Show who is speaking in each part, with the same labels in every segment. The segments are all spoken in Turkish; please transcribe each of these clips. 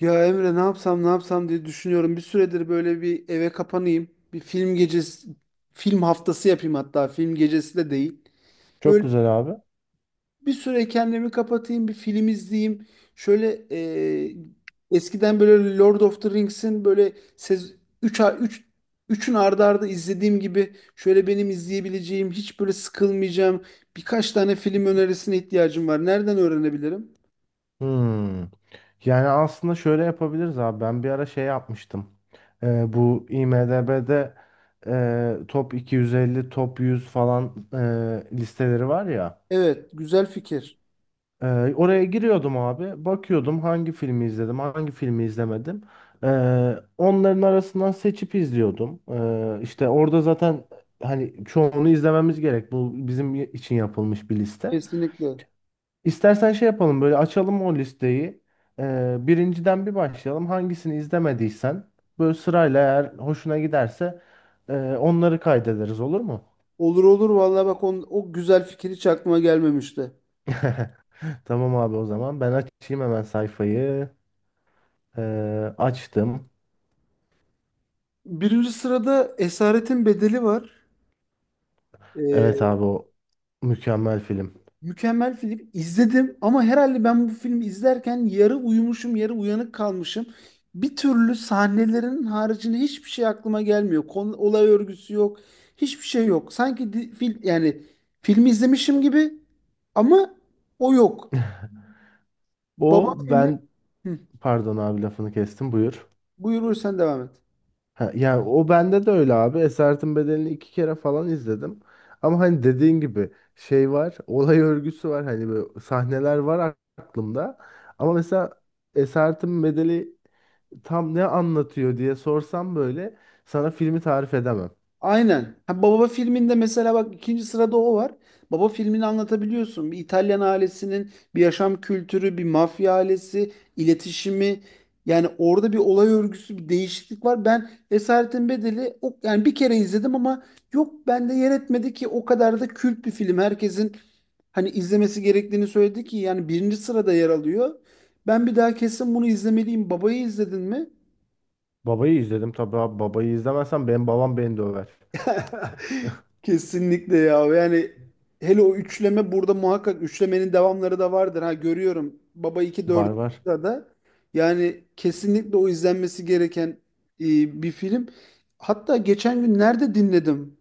Speaker 1: Ya Emre, ne yapsam ne yapsam diye düşünüyorum. Bir süredir böyle bir eve kapanayım. Bir film gecesi, film haftası yapayım, hatta film gecesi de değil.
Speaker 2: Çok
Speaker 1: Böyle
Speaker 2: güzel abi.
Speaker 1: bir süre kendimi kapatayım, bir film izleyeyim. Şöyle e, eskiden böyle Lord of the Rings'in böyle 3 3 üçün ardı ardı izlediğim gibi, şöyle benim izleyebileceğim, hiç böyle sıkılmayacağım birkaç tane film önerisine ihtiyacım var. Nereden öğrenebilirim?
Speaker 2: Hmm. Yani aslında şöyle yapabiliriz abi. Ben bir ara şey yapmıştım. Bu IMDb'de top 250, top 100 falan listeleri var ya.
Speaker 1: Evet, güzel fikir.
Speaker 2: E, Oraya giriyordum abi. Bakıyordum hangi filmi izledim, hangi filmi izlemedim. E, Onların arasından seçip izliyordum. İşte orada zaten hani çoğunu izlememiz gerek. Bu bizim için yapılmış bir liste.
Speaker 1: Kesinlikle.
Speaker 2: İstersen şey yapalım, böyle açalım o listeyi. Birinciden bir başlayalım. Hangisini izlemediysen böyle sırayla, eğer hoşuna giderse onları kaydederiz, olur mu?
Speaker 1: Olur olur vallahi bak on, o güzel fikir hiç aklıma gelmemişti.
Speaker 2: Tamam abi, o zaman ben açayım hemen sayfayı. Açtım.
Speaker 1: Birinci sırada Esaretin Bedeli var.
Speaker 2: Evet
Speaker 1: Ee,
Speaker 2: abi, o mükemmel film.
Speaker 1: Mükemmel film. İzledim ama herhalde ben bu filmi izlerken yarı uyumuşum, yarı uyanık kalmışım. Bir türlü sahnelerin haricinde hiçbir şey aklıma gelmiyor. Konu, olay örgüsü yok. Hiçbir şey yok. Sanki yani filmi izlemişim gibi, ama o yok. Baba
Speaker 2: O
Speaker 1: filmi.
Speaker 2: ben
Speaker 1: Hı,
Speaker 2: Pardon abi, lafını kestim, buyur.
Speaker 1: buyur buyur sen devam et.
Speaker 2: Ha, yani o bende de öyle abi. Esaretin Bedeli'ni iki kere falan izledim. Ama hani dediğin gibi şey var, olay örgüsü var. Hani böyle sahneler var aklımda. Ama mesela Esaretin Bedeli tam ne anlatıyor diye sorsam, böyle sana filmi tarif edemem.
Speaker 1: Aynen. Ha, Baba filminde mesela bak ikinci sırada o var. Baba filmini anlatabiliyorsun. Bir İtalyan ailesinin bir yaşam kültürü, bir mafya ailesi, iletişimi. Yani orada bir olay örgüsü, bir değişiklik var. Ben Esaretin Bedeli o, yani bir kere izledim ama yok, bende yer etmedi ki o kadar da kült bir film. Herkesin hani izlemesi gerektiğini söyledi ki yani birinci sırada yer alıyor. Ben bir daha kesin bunu izlemeliyim. Babayı izledin mi?
Speaker 2: Babayı izledim tabii abi. Babayı izlemezsem benim babam beni döver.
Speaker 1: Kesinlikle ya. Yani hele o üçleme, burada muhakkak üçlemenin devamları da vardır. Ha, görüyorum. Baba iki,
Speaker 2: Var
Speaker 1: 4
Speaker 2: var.
Speaker 1: da yani kesinlikle o izlenmesi gereken bir film. Hatta geçen gün nerede dinledim?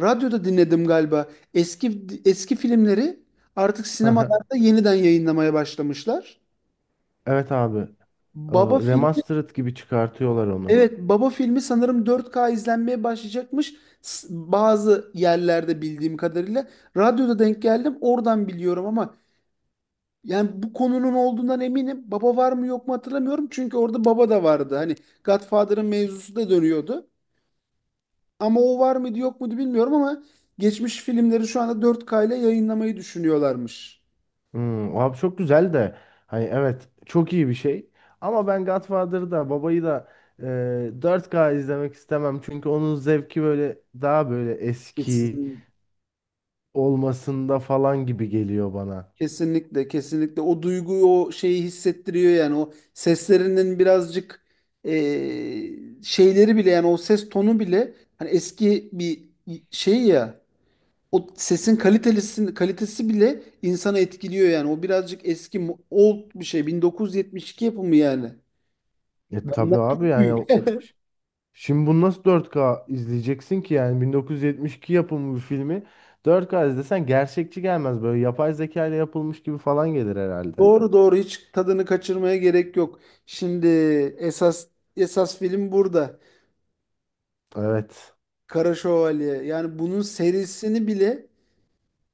Speaker 1: Radyoda dinledim galiba. Eski eski filmleri artık sinemalarda yeniden yayınlamaya başlamışlar.
Speaker 2: Evet abi.
Speaker 1: Baba film
Speaker 2: Remastered gibi çıkartıyorlar onu.
Speaker 1: Evet, Baba filmi sanırım 4K izlenmeye başlayacakmış. Bazı yerlerde bildiğim kadarıyla. Radyoda denk geldim, oradan biliyorum ama yani bu konunun olduğundan eminim. Baba var mı yok mu hatırlamıyorum. Çünkü orada baba da vardı. Hani Godfather'ın mevzusu da dönüyordu. Ama o var mıydı yok muydu bilmiyorum ama geçmiş filmleri şu anda 4K ile yayınlamayı düşünüyorlarmış.
Speaker 2: Abi çok güzel de, hani evet, çok iyi bir şey, ama ben Godfather'ı da babayı da 4K izlemek istemem, çünkü onun zevki böyle daha böyle eski
Speaker 1: Kesin.
Speaker 2: olmasında falan gibi geliyor bana.
Speaker 1: Kesinlikle, kesinlikle o duyguyu, o şeyi hissettiriyor yani o seslerinin birazcık şeyleri bile, yani o ses tonu bile hani eski bir şey ya, o sesin kalitesi bile insanı etkiliyor, yani o birazcık eski old bir şey, 1972 yapımı yani.
Speaker 2: E tabii
Speaker 1: Benden
Speaker 2: abi,
Speaker 1: çok
Speaker 2: yani
Speaker 1: büyük.
Speaker 2: şimdi bunu nasıl 4K izleyeceksin ki? Yani 1972 yapımı bir filmi 4K izlesen gerçekçi gelmez, böyle yapay zeka ile yapılmış gibi falan gelir herhalde.
Speaker 1: Doğru doğru, hiç tadını kaçırmaya gerek yok. Şimdi esas esas film burada.
Speaker 2: Evet.
Speaker 1: Kara Şövalye. Yani bunun serisini bile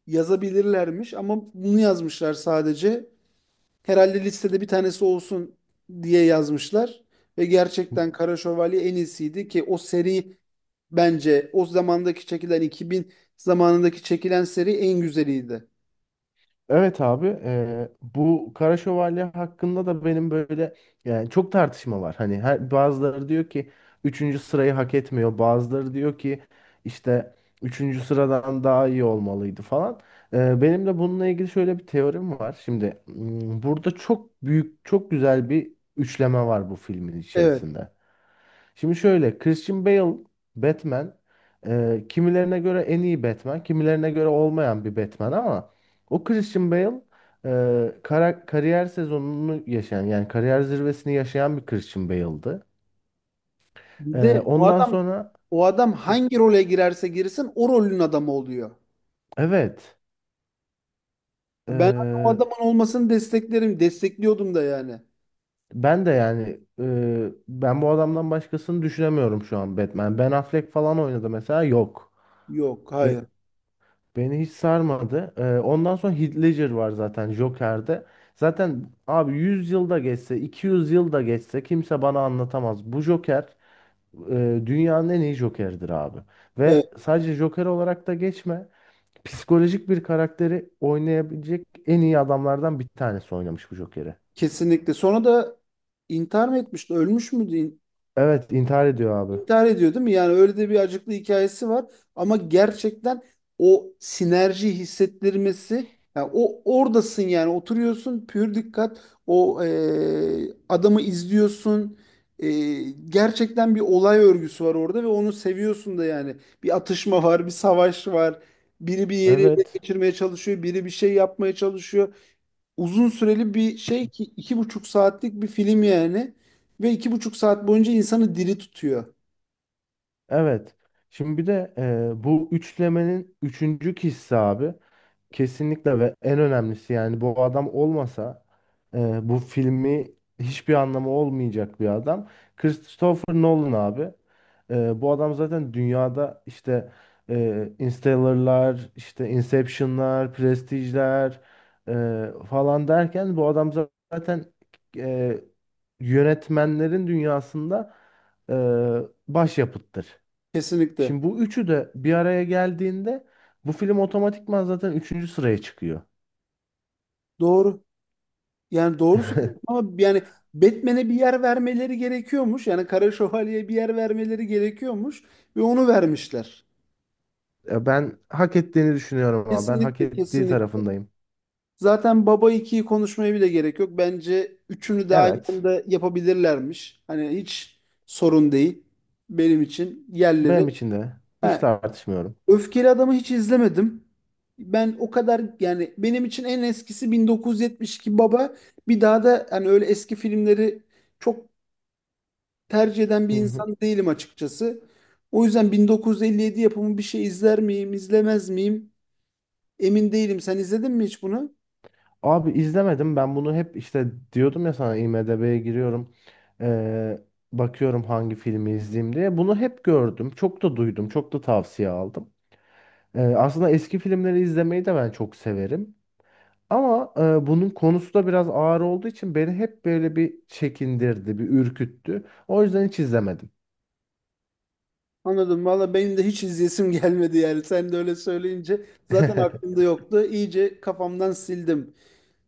Speaker 1: yazabilirlermiş ama bunu yazmışlar sadece. Herhalde listede bir tanesi olsun diye yazmışlar ve gerçekten Kara Şövalye en iyisiydi, ki o seri bence o zamandaki çekilen, 2000 zamanındaki çekilen seri en güzeliydi.
Speaker 2: Evet abi, bu Kara Şövalye hakkında da benim böyle, yani çok tartışma var. Hani bazıları diyor ki üçüncü sırayı hak etmiyor. Bazıları diyor ki işte üçüncü sıradan daha iyi olmalıydı falan. Benim de bununla ilgili şöyle bir teorim var. Şimdi, burada çok büyük, çok güzel bir üçleme var bu filmin
Speaker 1: Evet.
Speaker 2: içerisinde. Şimdi şöyle, Christian Bale Batman, kimilerine göre en iyi Batman, kimilerine göre olmayan bir Batman, ama o Christian Bale kariyer sezonunu yaşayan, yani kariyer zirvesini yaşayan bir Christian Bale'dı. E,
Speaker 1: Bir de o
Speaker 2: Ondan
Speaker 1: adam,
Speaker 2: sonra
Speaker 1: o adam hangi role girerse girsin o rolün adamı oluyor.
Speaker 2: evet,
Speaker 1: Ben o
Speaker 2: e,
Speaker 1: adamın olmasını desteklerim, destekliyordum da yani.
Speaker 2: ben de yani, ben bu adamdan başkasını düşünemiyorum şu an Batman. Ben Affleck falan oynadı mesela, yok.
Speaker 1: Yok, hayır.
Speaker 2: Beni hiç sarmadı. Ondan sonra Heath Ledger var zaten Joker'de. Zaten abi, 100 yılda geçse, 200 yılda geçse kimse bana anlatamaz. Bu Joker dünyanın en iyi Joker'dir abi.
Speaker 1: Evet,
Speaker 2: Ve sadece Joker olarak da geçme. Psikolojik bir karakteri oynayabilecek en iyi adamlardan bir tanesi oynamış bu Joker'i.
Speaker 1: kesinlikle. Sonra da intihar mı etmişti? Ölmüş müydü?
Speaker 2: Evet, intihar ediyor abi.
Speaker 1: İntihar ediyor, değil mi? Yani öyle de bir acıklı hikayesi var. Ama gerçekten o sinerji hissettirmesi, yani o oradasın, yani oturuyorsun pür dikkat o adamı izliyorsun. E, Gerçekten bir olay örgüsü var orada ve onu seviyorsun da yani. Bir atışma var, bir savaş var. Biri bir yeri ele
Speaker 2: Evet,
Speaker 1: geçirmeye çalışıyor, biri bir şey yapmaya çalışıyor. Uzun süreli bir şey ki 2,5 saatlik bir film yani. Ve 2,5 saat boyunca insanı diri tutuyor.
Speaker 2: evet. Şimdi bir de bu üçlemenin üçüncü kişisi abi. Kesinlikle ve en önemlisi, yani bu adam olmasa bu filmi hiçbir anlamı olmayacak bir adam. Christopher Nolan abi. Bu adam zaten dünyada, işte Interstellar'lar, işte Inception'lar, Prestige'ler falan derken, bu adam zaten e, yönetmenlerin dünyasında e, başyapıttır.
Speaker 1: Kesinlikle.
Speaker 2: Şimdi bu üçü de bir araya geldiğinde bu film otomatikman zaten üçüncü sıraya çıkıyor.
Speaker 1: Doğru. Yani doğru söylüyorsun ama yani Batman'e bir yer vermeleri gerekiyormuş. Yani Kara Şövalye'ye bir yer vermeleri gerekiyormuş ve onu vermişler.
Speaker 2: Ya ben hak ettiğini düşünüyorum, ama ben hak
Speaker 1: Kesinlikle,
Speaker 2: ettiği
Speaker 1: kesinlikle.
Speaker 2: tarafındayım.
Speaker 1: Zaten Baba ikiyi konuşmaya bile gerek yok. Bence üçünü de aynı
Speaker 2: Evet.
Speaker 1: anda yapabilirlermiş. Hani hiç sorun değil benim için yerleri.
Speaker 2: Benim için de. Hiç
Speaker 1: Ha,
Speaker 2: tartışmıyorum.
Speaker 1: Öfkeli Adam'ı hiç izlemedim. Ben o kadar, yani benim için en eskisi 1972 Baba. Bir daha da hani öyle eski filmleri çok tercih eden bir
Speaker 2: Hı hı.
Speaker 1: insan değilim açıkçası. O yüzden 1957 yapımı bir şey izler miyim, izlemez miyim? Emin değilim. Sen izledin mi hiç bunu?
Speaker 2: Abi izlemedim. Ben bunu hep işte diyordum ya, sana IMDb'ye giriyorum. Ee, Bakıyorum hangi filmi izleyeyim diye. Bunu hep gördüm. Çok da duydum. Çok da tavsiye aldım. Aslında eski filmleri izlemeyi de ben çok severim. Ama bunun konusu da biraz ağır olduğu için beni hep böyle bir çekindirdi, bir ürküttü. O yüzden hiç izlemedim.
Speaker 1: Anladım. Valla benim de hiç izleyesim gelmedi yani. Sen de öyle söyleyince zaten aklımda yoktu. İyice kafamdan sildim.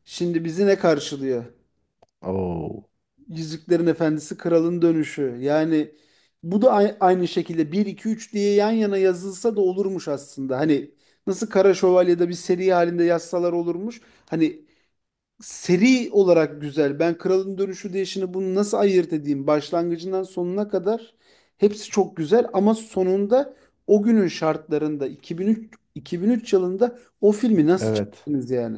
Speaker 1: Şimdi bizi ne karşılıyor?
Speaker 2: Oo,
Speaker 1: Yüzüklerin Efendisi, Kralın Dönüşü. Yani bu da aynı şekilde bir 2 3 diye yan yana yazılsa da olurmuş aslında. Hani nasıl Kara Şövalye'de bir seri halinde yazsalar olurmuş. Hani seri olarak güzel. Ben Kralın Dönüşü diye şimdi bunu nasıl ayırt edeyim? Başlangıcından sonuna kadar hepsi çok güzel, ama sonunda o günün şartlarında 2003 yılında o filmi nasıl
Speaker 2: evet.
Speaker 1: çektiniz yani?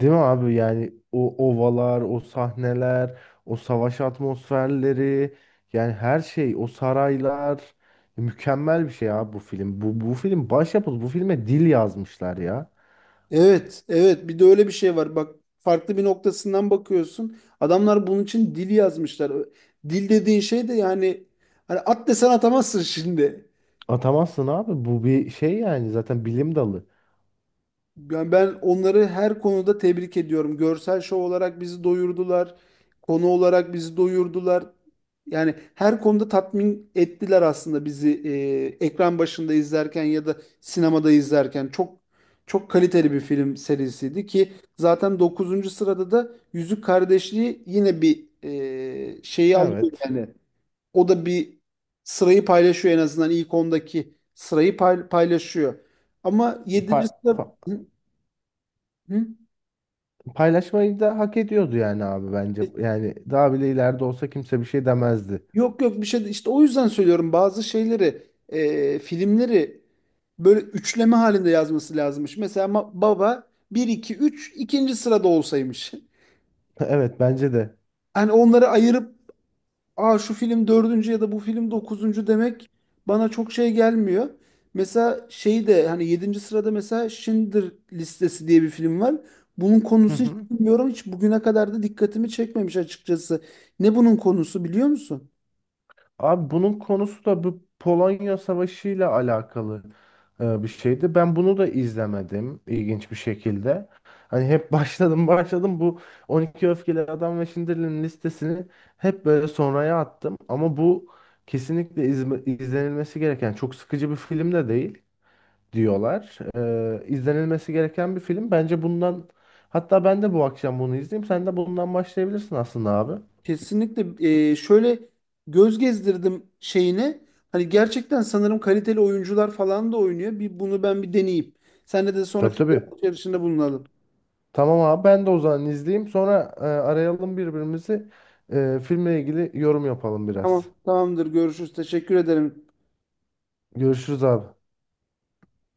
Speaker 2: Değil mi abi? Yani o ovalar, o sahneler, o savaş atmosferleri, yani her şey, o saraylar, mükemmel bir şey abi bu film. Bu film başyapıt. Bu filme dil yazmışlar ya.
Speaker 1: Evet, evet. Bir de öyle bir şey var. Bak farklı bir noktasından bakıyorsun. Adamlar bunun için dil yazmışlar. Dil dediğin şey de yani hani at desen atamazsın şimdi.
Speaker 2: Atamazsın abi. Bu bir şey, yani zaten bilim dalı.
Speaker 1: Yani ben onları her konuda tebrik ediyorum. Görsel şov olarak bizi doyurdular. Konu olarak bizi doyurdular. Yani her konuda tatmin ettiler aslında bizi ekran başında izlerken ya da sinemada izlerken. Çok çok kaliteli bir film serisiydi ki zaten dokuzuncu sırada da Yüzük Kardeşliği yine bir şeyi alıyor
Speaker 2: Evet.
Speaker 1: yani. O da bir sırayı paylaşıyor, en azından ilk 10'daki sırayı paylaşıyor. Ama yedinci
Speaker 2: Pa-
Speaker 1: sırada. Hı?
Speaker 2: Paylaşmayı da hak ediyordu yani abi,
Speaker 1: E,
Speaker 2: bence. Yani daha bile ileride olsa kimse bir şey demezdi.
Speaker 1: Yok yok, işte o yüzden söylüyorum bazı şeyleri filmleri böyle üçleme halinde yazması lazımmış. Mesela baba bir 2 3 ikinci sırada olsaymış.
Speaker 2: Evet, bence de.
Speaker 1: Hani onları ayırıp, aa şu film dördüncü ya da bu film dokuzuncu demek bana çok şey gelmiyor. Mesela şey de hani yedinci sırada mesela Schindler listesi diye bir film var. Bunun
Speaker 2: Hı
Speaker 1: konusu hiç
Speaker 2: hı.
Speaker 1: bilmiyorum. Hiç bugüne kadar da dikkatimi çekmemiş açıkçası. Ne bunun konusu biliyor musun?
Speaker 2: Abi bunun konusu da bu Polonya Savaşı ile alakalı bir şeydi. Ben bunu da izlemedim, ilginç bir şekilde. Hani hep başladım başladım, bu 12 Öfkeli Adam ve Schindler'in listesini hep böyle sonraya attım. Ama bu kesinlikle izlenilmesi gereken, çok sıkıcı bir film de değil, diyorlar. İzlenilmesi gereken bir film. Bence bundan, hatta ben de bu akşam bunu izleyeyim. Sen de bundan başlayabilirsin aslında abi.
Speaker 1: Kesinlikle şöyle göz gezdirdim şeyine. Hani gerçekten sanırım kaliteli oyuncular falan da oynuyor. Bir bunu ben bir deneyeyim. Senle de sonra
Speaker 2: Tabii
Speaker 1: fikir
Speaker 2: tabii.
Speaker 1: alışverişinde bulunalım.
Speaker 2: Tamam abi, ben de o zaman izleyeyim. Sonra arayalım birbirimizi. Filmle ilgili yorum yapalım biraz.
Speaker 1: Tamam, tamamdır. Görüşürüz. Teşekkür ederim.
Speaker 2: Görüşürüz abi.